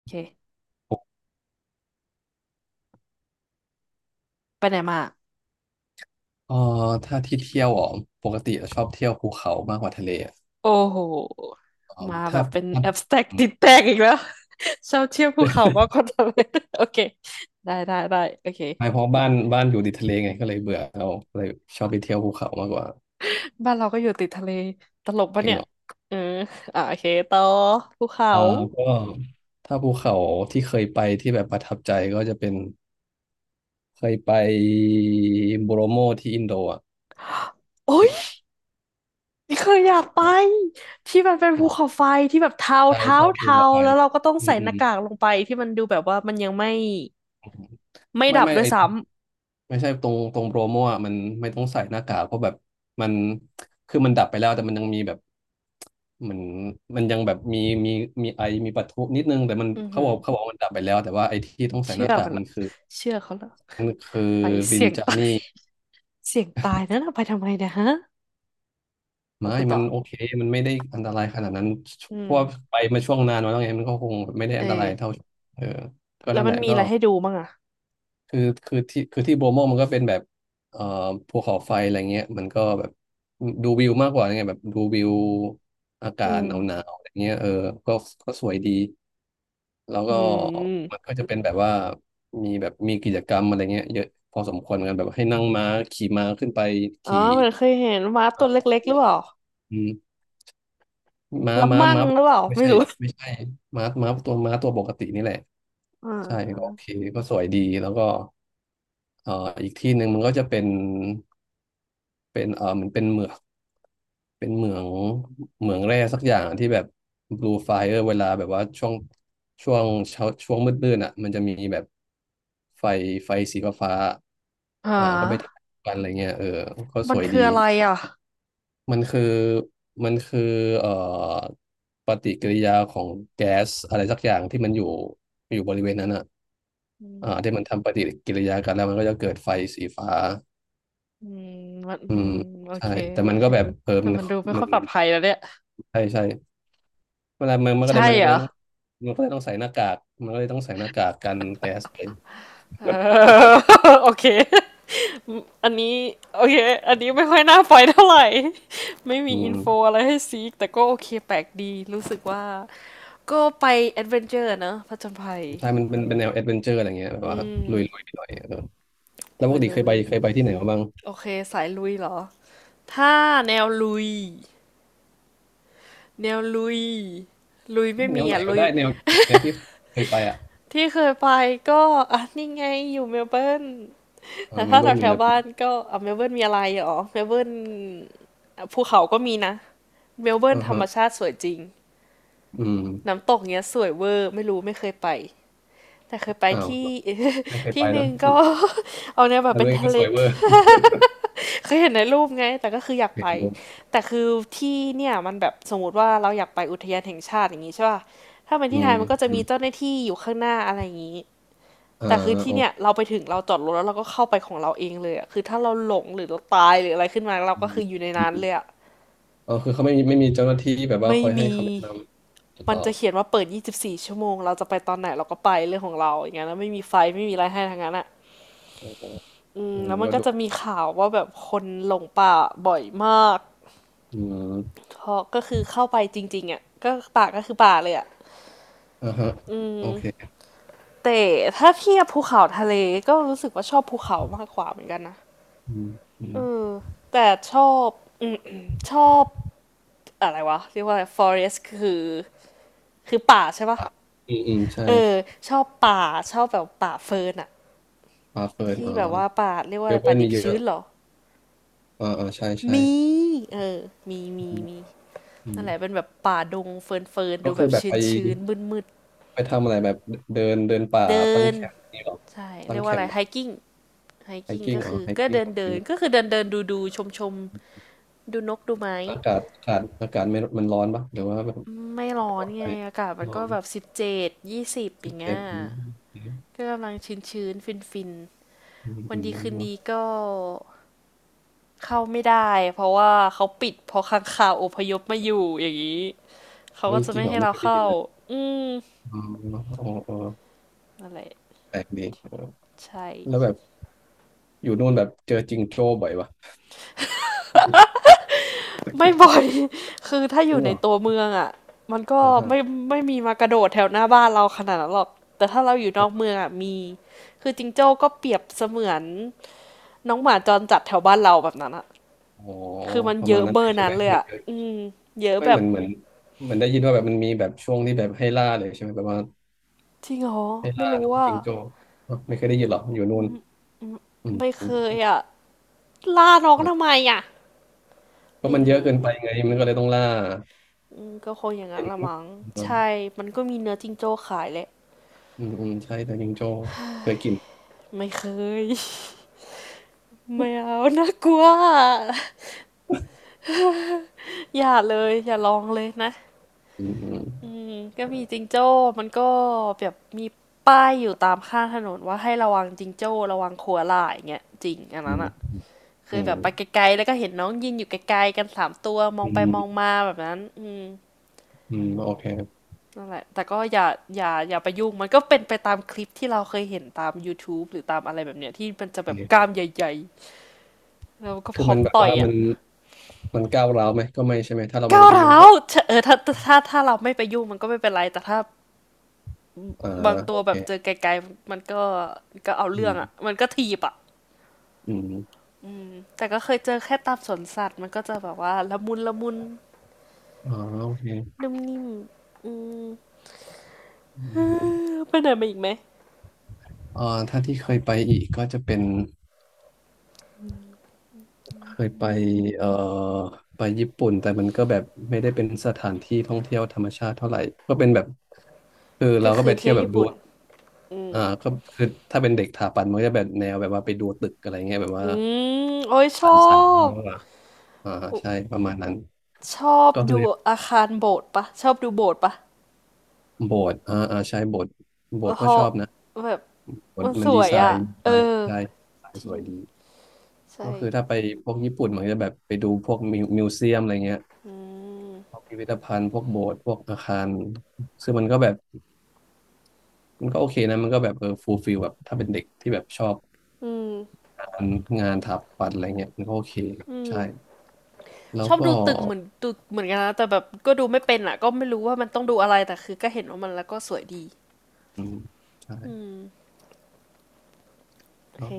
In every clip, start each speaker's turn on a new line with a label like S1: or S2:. S1: โอเคไปไหนมา
S2: เออถ้าที่เที่ยวอ๋อปกติเราชอบเที่ยวภูเขามากกว่าทะเลอะ
S1: โอ้โห
S2: เออ
S1: มาแบ
S2: ถ้า
S1: บเป็นแอบสแต็กติดแตกอีกแล้ว ชอบเที่ยวภูเขามากก ว่าทะเล โอเคได้โอเค
S2: ไม่เพราะบ้านอยู่ติดทะเลไงก็เลยเบื่อเราเลยชอบไปเที่ยวภูเขามากกว่า
S1: บ้านเราก็อยู่ติดทะเลตลกปะ
S2: จริง
S1: เนี่ย
S2: เหรอ
S1: เอออ่ะโอเคต่อภูเขา
S2: เออก็ถ้าภูเขาที่เคยไปที่แบบประทับใจก็จะเป็นเคยไปโบโรโมที่อินโดอ่ะ
S1: โอ้ยนี่เคยอยากไปที่มันเป็นภู
S2: เหรอ
S1: เขาไฟที่แบบเทา
S2: ใช่
S1: เทา
S2: ใช่ภู
S1: เทา
S2: เขาไฟ
S1: แล้วเราก็ต้อง
S2: อื
S1: ใส่
S2: มอื
S1: หน้า
S2: ม
S1: กากลงไปที่มันดูแบบว่ามันยังไม่
S2: อืม
S1: ไม่
S2: ไม่
S1: ดับ
S2: ไม่
S1: ด้ว
S2: ไอ
S1: ยซ้
S2: ไม่ใช่ตรงโปรโมอ่ะมันไม่ต้องใส่หน้ากากเพราะแบบมันคือมันดับไปแล้วแต่มันยังมีแบบเหมือนมันยังแบบมีมีมีไอมีปะทุนิดนึงแต่มัน
S1: ำอือ
S2: เขา
S1: หื
S2: บอ
S1: อ
S2: กว่ามันดับไปแล้วแต่ว่าไอที่ต้องใส่ห
S1: เชื่
S2: น้า
S1: อ
S2: กา
S1: มั
S2: ก
S1: นเหร
S2: มั
S1: อ
S2: นคือ
S1: เชื่อเขาเหรอ
S2: มันคือ
S1: ไป
S2: ริน
S1: เสี่ยง
S2: จา
S1: ตา
S2: นี่
S1: ย เสี่ยงตายนั่นเอาไปทำไมเนี่ยฮะเอา
S2: ไม่
S1: พูดต่
S2: มั
S1: อ
S2: นโอเคมันไม่ได้อันตรายขนาดนั้น
S1: อื
S2: เพ
S1: ม
S2: ราะว่าไปมาช่วงนานมาแล้วไงมันก็คงไม่ได้
S1: เอ
S2: อันตรายเท่า
S1: อ
S2: เออก็
S1: แล้ว
S2: นั่นแห
S1: มัน
S2: ละ
S1: มี
S2: ก็
S1: อะไรให้ดูบ้างอ่ะ
S2: คือคือที่คือที่โบโมมันก็เป็นแบบเอ่อภูเขาไฟอะไรเงี้ยมันก็แบบดูวิวมากกว่าไงแบบดูวิวอากา
S1: อื
S2: ศหนาวหนา
S1: ม
S2: วอะไรเงี้ยเออก็ก็สวยดีแล้ว
S1: อื
S2: ก็มัน
S1: ม
S2: ก็จะเป็นแบบว่ามีแบบมีกิจกรรมอะไรเงี้ยเยอะพอสมควรเหมือนกันแบบให้นั่งม้าขี่ม้าขึ้นไป
S1: อ๋อ
S2: ขี่
S1: มันเคยเห็นม้า
S2: เอ่
S1: ตัว
S2: อ
S1: เล็กๆหรือเปล่า
S2: อืมม้า
S1: ละ
S2: ม้า
S1: มั่ง
S2: ม้า
S1: หรือเปล่า
S2: ไม่
S1: ไม่
S2: ใช่
S1: รู้
S2: ไม่ใช่ม้าม้าตัวม้าตัวปกตินี่แหละ
S1: อ่า
S2: ใช่ก็โอ
S1: อ่า
S2: เคก็สวยดีแล้วก็ เอ่ออีกที่หนึ่งมันก็จะเป็นเป็นเอ่อมันเป็นเหมืองเป็นเหมืองเหมืองแร่สักอย่างที่แบบ blue fire เวลาแบบว่าช่วงช่วงเช้าช่วงมืดๆอ่ะมันจะมีแบบไฟไฟสีฟ้าๆ
S1: หา
S2: อ่าก็ไปถ่ายกันอะไรเงี้ยเออก็ส
S1: มัน
S2: วย
S1: คื
S2: ดี
S1: ออะไรอ่ะ
S2: มันคือมันคือเอ่อปฏิกิริยาของแก๊สอะไรสักอย่างที่มันอยู่บริเวณนั้นอ่ะ
S1: อื
S2: อ่าที่มัน
S1: ม
S2: ทำปฏิกิริยากันแล้วมันก็จะเกิดไฟสีฟ้า
S1: อืมมันอื
S2: อืม
S1: มโอ
S2: ใช่
S1: เค
S2: แต่มันก็แบบเออ
S1: แต่
S2: มัน
S1: มันดูไม่
S2: มั
S1: ค่อ
S2: น
S1: ยปลอดภัยแล้วเนี่ย
S2: ใช่ใช่เวลามันมันก็เล
S1: ใช่
S2: ยมัน
S1: เหร
S2: ก็
S1: อ
S2: เลยต้องมันก็เลยต้องใส่หน้ากากมันก็เลยต้องใส่หน้ากากกันแก๊สไป
S1: เออ โอเคอันนี้โอเค อันนี้ไม่ค่อยน่าไปเท่าไหร่ ไม่
S2: อื
S1: มีอินโฟ
S2: ม
S1: อะไรให้ซีกแต่ก็โอเคแปลกดี รู้สึกว่าก็ไปแอดเวนเจอร์นะผจญภัย
S2: ใช่มันเป็นแนวแอดเวนเจอร์อะไรเงี้ยแบ
S1: อื
S2: บว่าลุย
S1: ม
S2: หน่อยเออแล้วป
S1: ลุ
S2: ก
S1: ย
S2: ติเค
S1: ลุ
S2: ยไป
S1: ย
S2: เคยไปที่ไหนมาบ้าง
S1: โอเคสายลุยเหรอ ถ้าแนวลุยแนวลุยลุย
S2: เฮ้
S1: ไม่
S2: ยแน
S1: มี
S2: วไหน
S1: อ่ะ
S2: ก็
S1: ลุย
S2: ได้แนวแนวที่เคยไปอ่ะ
S1: ที่เคยไปก็อ่ะนี่ไงอยู่เมลเบิร์น
S2: เอ
S1: แต่
S2: อเม
S1: ถ้า
S2: ลเบิ
S1: แถ
S2: ร์น
S1: ว
S2: มี
S1: แถ
S2: อะ
S1: ว
S2: ไรบ้า
S1: บ้า
S2: ง
S1: นก็อ่ะเมลเบิร์นมีอะไรเหรอเมลเบิร์นอ่ะภูเขาก็มีนะ เมลเบิร์น
S2: อ่า
S1: ธรร
S2: ฮะ
S1: มชาติสวยจริง
S2: อืม
S1: น้ำตกเนี้ยสวยเวอร์ไม่รู้ไม่เคยไป แต่เคยไป
S2: อ้าว
S1: ที่
S2: ไม่เค ยไป
S1: ที่ห
S2: แล้ว
S1: นึ่งก็ เอาเนียแบบ
S2: แล้ว
S1: เป็
S2: ตัว
S1: น
S2: เอง
S1: ทะ
S2: ก็
S1: เล
S2: สวยเวอร์
S1: เคยเห็นในรูปไงแต่ก็คืออยาก
S2: เคย
S1: ไป
S2: ไปแล้ว
S1: แต่คือที่เนี่ยมันแบบสมมติว่าเราอยากไปอุทยานแห่งชาติอย่างงี้ใช่ป่ะถ้าเป็น
S2: อื
S1: ที่ไท
S2: ม
S1: ยมันก็จะ
S2: อื
S1: มี
S2: ม
S1: เจ้าหน้าที่อยู่ข้างหน้าอะไรอย่างงี้
S2: อ่า
S1: แต่คือที่
S2: โอ
S1: เนี่
S2: เค
S1: ยเราไปถึงเราจอดรถแล้วเราก็เข้าไปของเราเองเลยอะคือถ้าเราหลงหรือเราตายหรืออะไรขึ้นมาเรา
S2: อื
S1: ก็
S2: ม
S1: คืออยู่ใน
S2: อ
S1: นั้น
S2: ม
S1: เลยอะ
S2: อ๋อคือเขาไม่มีเจ้าหน้าที่แบบว่า
S1: ไม่
S2: คอยให้
S1: มี
S2: คำแนะนำ
S1: มั
S2: ต่
S1: น
S2: อ
S1: จะเขียนว่าเปิด24 ชั่วโมง เราจะไปตอนไหนเราก็ไปเรื่องของเราอย่างเงี้ยแล้วไม่มีไฟไม่มีอะไรให้ทางนั้นอ่ะ
S2: โอ้โห
S1: อื
S2: เอ
S1: ม
S2: อ
S1: แล้ว
S2: มัน
S1: มัน
S2: ก็
S1: ก็
S2: ดู
S1: จะมีข่าวว่าแบบคนหลงป่าบ่อยมาก
S2: อืม
S1: เพราะก็คือเข้าไปจริงๆอ่ะก็ป่าก็คือป่าเลยอ่ะ
S2: อ่าฮะ
S1: อื
S2: โอ
S1: ม
S2: เค
S1: แต่ถ้าเทียบภูเขาทะเลก็รู้สึกว่าชอบภูเขามากกว่าเหมือนกันนะ
S2: อืมอืม
S1: เออแต่ชอบ อืมชอบอะไรวะเรียกว่าอะไร forest คือคือป่าใช่ปะ
S2: อ่ะอืมอืมใช่
S1: เออชอบป่าชอบแบบป่าเฟิร์นอะ
S2: ปลาเฟิร์น
S1: ที่แบบ
S2: อ่า
S1: ว่าป่าเรียก
S2: เม
S1: ว่าอะไร
S2: ลเบิ
S1: ป่า
S2: ร์น
S1: ดิ
S2: มี
S1: บ
S2: เย
S1: ชื้
S2: อะ
S1: นเหรอ
S2: อ่าอ่าใช่ใช่
S1: มีเออมีมี
S2: อืม
S1: มี
S2: อื
S1: นั่
S2: ม
S1: นแหละเป็นแบบป่าดงเฟิร์นเฟิร์น
S2: ก็
S1: ดูแบ
S2: คือ
S1: บ
S2: แบบ
S1: ชื้
S2: ไป
S1: นชื้นมืดมืด
S2: ไปทำอะไรแบบเดินเดินป่า
S1: ๆเดิ
S2: ตั้ง
S1: น
S2: แคมป์นี่หรอ
S1: ใช่
S2: ตั้
S1: เรี
S2: ง
S1: ยก
S2: แค
S1: ว่าอะ
S2: ม
S1: ไรไฮ
S2: ป์
S1: กิ้งไฮ
S2: ไฮ
S1: กิ้ง
S2: กิ้ง
S1: ก็
S2: อ๋อ
S1: คือ
S2: ไฮ
S1: ก็
S2: กิ้ง
S1: เดิ
S2: โอ
S1: น
S2: เค
S1: เดินก็คือเดินเดินดูดูชมชมๆดูนกดูไม้
S2: อากาศอากาศอากาศไม่มันร้อนปะหรือว่าแบบ
S1: ไม่ร้อ
S2: อ
S1: น
S2: อกไป
S1: ไงอากาศ
S2: ไม่
S1: มัน
S2: ร้อ
S1: ก็
S2: น
S1: แบบ17-20อ
S2: สิบ
S1: ย่าง
S2: เจ็
S1: เงี้ย
S2: ดอืมอ
S1: ก็กำลังชื้นชื้นฟินฟิน
S2: ืม
S1: ๆวั
S2: อื
S1: น
S2: ม
S1: ดี
S2: อื
S1: คืน
S2: ม
S1: ดีก็เข้าไม่ได้เพราะว่าเขาปิดเพอค้างคาวอพยพมาอยู่อย่างนี้ เขา
S2: เฮ้
S1: ก็
S2: ย
S1: จะ
S2: จริง
S1: ไม่
S2: เหรอ
S1: ให้
S2: ไม่
S1: เรา
S2: เคยได้ยิ
S1: เข้า
S2: นเลย
S1: อืม
S2: อ๋ออ๋ออ๋อ
S1: อะไร
S2: แปลกดี
S1: ใช่
S2: แล้วแบบ อยู่นู่นแบบเจอจิงโจ้บ่อยวะจร
S1: ไม่บ่อย คือถ้าอ
S2: ิ
S1: ยู่
S2: งเห
S1: ใน
S2: รอ
S1: ตัวเมืองอ่ะมันก็
S2: อ่าฮะ
S1: ไม่มีมากระโดดแถวหน้าบ้านเราขนาดนั้นหรอกแต่ถ้าเราอยู่นอกเมืองอ่ะมีคือจิงโจ้ก็เปรียบเสมือนน้องหมาจรจัดแถวบ้านเราแบบนั้นอ่ะ
S2: อ๋อ
S1: คือมัน
S2: ประ
S1: เย
S2: มา
S1: อะ
S2: ณนั้
S1: เบ
S2: น
S1: อ
S2: เลย
S1: ร์
S2: ใช่
S1: นั้
S2: ไห
S1: น
S2: ม
S1: เลย
S2: มัน
S1: อ่ะ
S2: เจอ
S1: อืมเยอะ
S2: ไม่
S1: แบ
S2: เห
S1: บ
S2: มือนเหมือนเหมือนได้ยินว่าแบบมันมีแบบช่วงที่แบบให้ล่าเลยใช่ไหมแบบว่า
S1: จริงเหรอ
S2: ให้
S1: ไม่
S2: ล่า
S1: รู้
S2: น้อง
S1: อ่ะ
S2: จิงโจ้เอ่ะไม่เคยได้ยินหรออยู่
S1: อื
S2: นู่น
S1: ม
S2: อืม
S1: ไม่
S2: อ
S1: เคย
S2: ม
S1: อ่ะล่าน้องทำ
S2: อ่ะ
S1: ไมอ่ะ
S2: ก็
S1: ไม่
S2: มันเยอะเกิ
S1: รู้
S2: นไปไงมันก็เลยต้องล่า
S1: อืมก็คงอย่าง
S2: เห็
S1: นั้น
S2: น
S1: ละ
S2: อ
S1: มั้ง
S2: ืม
S1: ใช่มันก็มีเนื้อจิงโจ้ขายแหละ
S2: อืมอืมใช่แต่จิงโจ้เคยกิน
S1: ไม่เคย ไม่เอาน่ากลัว อย่าเลยอย่าลองเลยนะ
S2: อืม
S1: อืมก็มีจิงโจ้มันก็แบบมีป้ายอยู่ตามข้างถนนว่าให้ระวังจิงโจ้ระวังขัวลายอย่างเงี้ยจริงอัน
S2: อื
S1: นั้น
S2: ม
S1: อะเค
S2: อื
S1: ยแบ
S2: ม
S1: บไปไกลๆแล้วก็เห็นน้องยืนอยู่ไกลๆกันสามตัวมอ
S2: อื
S1: ง
S2: ม
S1: ไป
S2: อื
S1: มอง
S2: ม
S1: มาแบบนั้นอืม
S2: อืมโอเค
S1: นั่นแหละแต่ก็อย่าอย่าอย่าไปยุ่งมันก็เป็นไปตามคลิปที่เราเคยเห็นตาม YouTube หรือตามอะไรแบบเนี้ยที่มัน
S2: โอ
S1: จะ
S2: เค
S1: แบบก
S2: ค
S1: ล้า
S2: รั
S1: ม
S2: บ
S1: ใหญ่ๆแล้วก็
S2: คื
S1: พ
S2: อ
S1: ร้อ
S2: มั
S1: ม
S2: นแบบ
S1: ต่อย
S2: ว่ามั
S1: อะ
S2: นมันก้าวร้าวไหมก็ไม่ใช่ไหมถ้าเราไม่
S1: ก้า
S2: ได้
S1: ว
S2: ไปยุ่
S1: ร้า
S2: งก่
S1: ว
S2: อน
S1: เออถ้าถ้าเราไม่ไปยุ่งมันก็ไม่เป็นไรแต่ถ้า
S2: อ่า
S1: บางตั
S2: โอ
S1: วแบ
S2: เค
S1: บเจอไกลๆมันก็ก็เอา
S2: อื
S1: เรื่อง
S2: ม
S1: อ่ะมันก็ทีบอ่ะ
S2: อืม
S1: แต่ก็เคยเจอแค่ตามสวนสัตว์มันก็จะแบบว่าละมุนละมุน
S2: อ๋อโอเค
S1: นุ่มนิ่มอืม
S2: อื
S1: เอ
S2: ม
S1: อไปไหนมาอีกไหม
S2: อ่าถ้าที่เคยไปอีกก็จะเป็นเคยไปเอ่อไปญี่ปุ่นแต่มันก็แบบไม่ได้เป็นสถานที่ท่องเที่ยวธรรมชาติเท่าไหร่ก็เป็นแบบคือเรา
S1: ก็
S2: ก็
S1: คื
S2: ไป
S1: อ
S2: เที่
S1: เที่
S2: ย
S1: ย
S2: ว
S1: ว
S2: แบบ
S1: ญี่
S2: ดู
S1: ปุ่นอืม
S2: อ่าก็คือถ้าเป็นเด็กถาปัตย์มันก็จะแบบแนวแบบว่าไปดูตึกอะไรเงี้ยแบบว่า
S1: อืมโอ้ยชอ
S2: สันสัน
S1: บ
S2: เนาะอะอ่าใช่ประมาณนั้น
S1: ชอบ
S2: ก็คื
S1: ดู
S2: อ
S1: อาคารโบสถ์ปะชอบดูโบสถ์ปะ
S2: โบสถ์อ่าอ่าใช่โบสถ์
S1: เพ
S2: โบ
S1: ร
S2: สถ์ก็
S1: า
S2: ชอบนะ
S1: ะแบบ
S2: โบส
S1: มัน
S2: ถ์
S1: ส
S2: มันดี
S1: วย
S2: ไซ
S1: อ่ะ
S2: น์ดี
S1: เอ
S2: ไซ
S1: อ
S2: น์ใช่
S1: จ
S2: ส
S1: ริง
S2: วยดี ก็
S1: ใช่
S2: คือถ้าไปพวกญี่ปุ่นเหมันจะแบบไปดูพวกมิวมิวเซียมอะไรเงี้ยพวกพิพิธภัณฑ์พวกโบสถ์พวกอาคารซึ่งมันก็แบบมันก็โอเคนะมันก็แบบเออฟูลฟิลแบบถ้าเป็นเด็กที่แบบชอบ
S1: อืม
S2: งานงานถาปัตย์อะไรเงี้ยมันก็โอเคใช่แล้
S1: ช
S2: ว
S1: อบดู
S2: ก็
S1: ตึกเหมือนดูเหมือนกันนะแต่แบบก็ดูไม่เป็นอ่ะก็ไม่รู้ว่ามันต้องดูอะไรแต่คือก็เห็นว่ามันแล้วก็สวยดี
S2: อืมใช่
S1: โอ
S2: แล้
S1: เค
S2: ว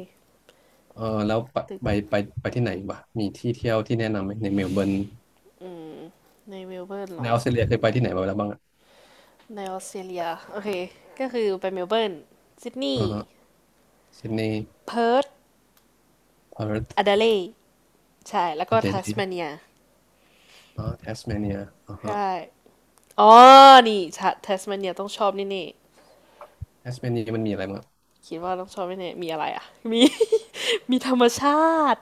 S2: เออแล้วไป
S1: ตึก
S2: ไปไปไปที่ไหนบ้างมีที่เที่ยวที่แนะนำไหมในเมลเบิร์น
S1: ในเมลเบิร์น
S2: ในอ
S1: เนาะ
S2: อสเตรเลียเคยไปที่ไหนมาแล้วบ้างอ่ะ
S1: ในออสเตรเลียโอเคก็คือไปเมลเบิร์นซิดนี
S2: อ่า
S1: ย์
S2: ฮะซิดนีย์
S1: เพิร์ธ
S2: พาร์ธ
S1: แอดเลดใช่แล้ว
S2: อ
S1: ก็
S2: เด
S1: ทั
S2: เล
S1: ส
S2: ด
S1: เมาเนีย
S2: อ่าแทสเมเนียอ่าฮะ
S1: ใช่อ๋อนี่ทัสเมาเนียต้องชอบแน่
S2: แทสเมเนียมันมีอะไรบ้าง
S1: ๆคิดว่าต้องชอบแน่ๆมีอะไรอ่ะมี มีธรรมชาติ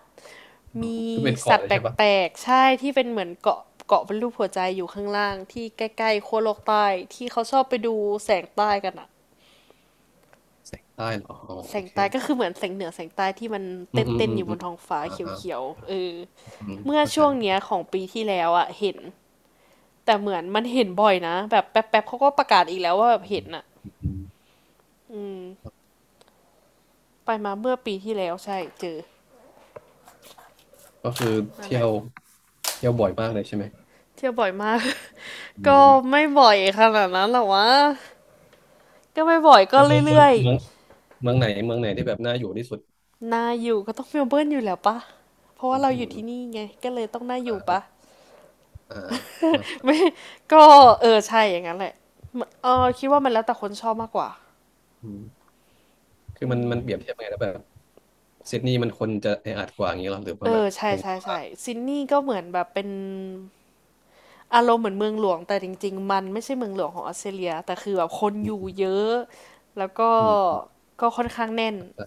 S2: อ๋อ
S1: มี
S2: ก็เป็น
S1: สั
S2: เกาะ
S1: ต
S2: เล
S1: ว์
S2: ย
S1: แ
S2: ใช่ปะ
S1: ปลกๆใช่ที่เป็นเหมือนเกาะเกาะเป็นรูปหัวใจอยู่ข้างล่างที่ใกล้ๆขั้วโลกใต้ที่เขาชอบไปดูแสงใต้กันอะ
S2: แสงใต้เหรออ๋อ
S1: แส
S2: โอ
S1: ง
S2: เค
S1: ใต้ก็คือเหมือนแสงเหนือแสงใต้ที่มันเ
S2: อืมอืม
S1: ต้น
S2: อื
S1: ๆ
S2: ม
S1: อยู่บ
S2: อืม
S1: นท้องฟ้า
S2: อ่า
S1: เ
S2: อ่า
S1: ขียวๆเออ
S2: อืม
S1: เมื่อ
S2: เข้าใจ
S1: ช่วงเนี้ยของปีที่แล้วอะเห็นแต่เหมือนมันเห็นบ่อยนะแบบแป๊บๆเขาก็ประกาศอีกแล้วว่าแบบ
S2: อื
S1: เห็น
S2: ม
S1: อะ
S2: อืม
S1: อืมไปมาเมื่อปีที่แล้วใช่เจอ
S2: ก็คือ
S1: นั่น
S2: เที่
S1: แห
S2: ย
S1: ละ
S2: วบ่อยมากเลยใช่ไหม
S1: เที่ยวบ่อยมาก
S2: อื
S1: ก็
S2: ม
S1: ไม่บ่อยขนาดนั้นหรอกวะก็ไม่บ่อยก็
S2: แล้ว
S1: เรื่อยๆ
S2: เมืองไหนที่แบบน่าอยู่ที่สุด
S1: น่าอยู่ก็ต้องเมลเบิร์นอยู่แล้วปะเพราะว่า
S2: อื
S1: เราอยู่
S2: ม
S1: ที่นี่ไงก็เลยต้องน่าอ
S2: อ่า
S1: ยู่ปะ
S2: อ่า อ่า
S1: ไม่ก็เออใช่อย่างนั้นแหละเออคิดว่ามันแล้วแต่คนชอบมากกว่า
S2: อืมคือมันเปรียบเทียบไงแล้วแบบซิดนีย์มันคนจะแออัดกว่าอย่างนี้เหรอหรือ
S1: เอ
S2: ว่าแบบ
S1: อ
S2: แพ
S1: ใช่
S2: ง
S1: ใช่ใช่ซิดนีย์ก็เหมือนแบบเป็นอารมณ์เหมือนเมืองหลวงแต่จริงๆมันไม่ใช่เมืองหลวงของออสเตรเลียแต่คือแบบคน
S2: อื
S1: อยู่
S2: ม
S1: เยอะแล้วก็
S2: อืมอืม
S1: ค่อนข้างแน่น
S2: เข้าใจ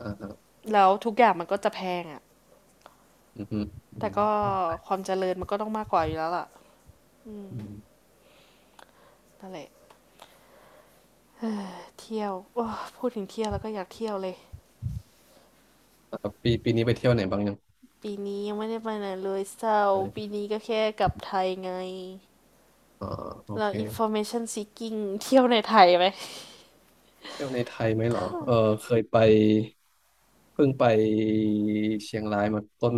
S2: อ่าอ่า
S1: แล้วทุกอย่างมันก็จะแพงอะ
S2: อืมอืม
S1: แต่ก็
S2: อืม
S1: ความเจริญมันก็ต้องมากกว่าอยู่แล้วล่ะ
S2: อืม
S1: นั่นแหละเที่ยวพูดถึงเที่ยวแล้วก็อยากเที่ยวเลย
S2: อ่าปีนี้ไปเที่ยวไหนบ้างยัง
S1: ปีนี้ยังไม่ได้ไปไหนเลยเศร้า
S2: อะ
S1: ปี
S2: ไร
S1: นี้ก็แค่กลับไทยไง
S2: อ๋อโอ
S1: เรา
S2: เค
S1: information seeking เที่ยวในไทยไหม
S2: เที่ยวในไทยไหมเหรอ
S1: ถ้า
S2: เออเคยไปเพิ่งไปเชียงรายมาต้น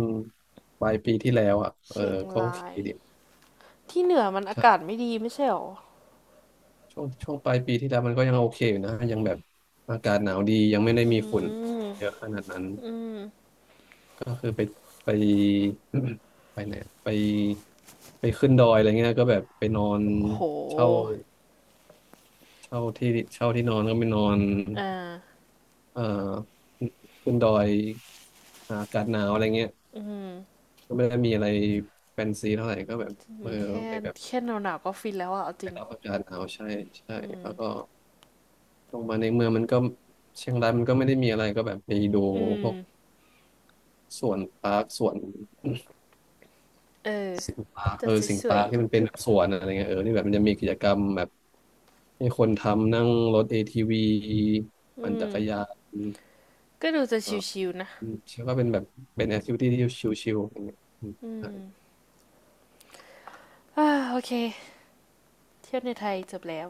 S2: ปลายปีที่แล้วอ่ะเออ
S1: เชียง
S2: ก็โอ
S1: รา
S2: เค
S1: ย
S2: ดี
S1: ที่เหนือมันอา
S2: ใช่
S1: กาศไม่ดีไม่ใช่หรอ
S2: ช่วงปลายปีที่แล้วมันก็ยังโอเคอยู่นะยังแบบอากาศหนาวดียังไม่ได้
S1: อื
S2: มีฝุ่น
S1: ม
S2: เยอะขนาดนั้นก็คือไป ไปไหนไปไปขึ้นดอยอะไรเงี้ยก็แบบไปนอน
S1: โ
S2: เช่า
S1: ห
S2: เช่าที่เช่าที่นอนก็ไปนอน
S1: อ่า
S2: เอ่อขึ้นดอยหาอากาศหนาวอะไรเงี้ย
S1: อืม
S2: ก็ไม่ได้มีอะไรแฟนซีเท่าไหร่ก็แบบเออ
S1: แค่
S2: ไปแบบ
S1: แค่หนาวหนาวก็ฟินแล้วอะเอาจ
S2: ไป
S1: ริง
S2: รับอาจารย์เอาใช่ใช่แล้วก็ลงมาในเมืองมันก็เชียงรายมันก็ไม่ได้มีอะไรก็แบบไปดู
S1: อื
S2: พ
S1: ม
S2: วกสวนปาร์คสวน
S1: เออ
S2: สิงห์ปาร์ค
S1: จะสวย
S2: ที่มันเป็นแบบสวนอะไรเงี้ยเออที่แบบมันจะมีกิจกรรมแบบให้คนทำนั่งรถ ATV
S1: ๆอื
S2: ปั่นจั
S1: ม
S2: กรยาน
S1: ก็ดูจะ
S2: เออ
S1: ชิวๆนะ
S2: อชื่อว่าเป็นแบบเป็นแอคทิวิตี้ที่ชิลๆอย่างเงี้ยอืม
S1: อ่าโอเคเที่ยวในไทยจบแล้ว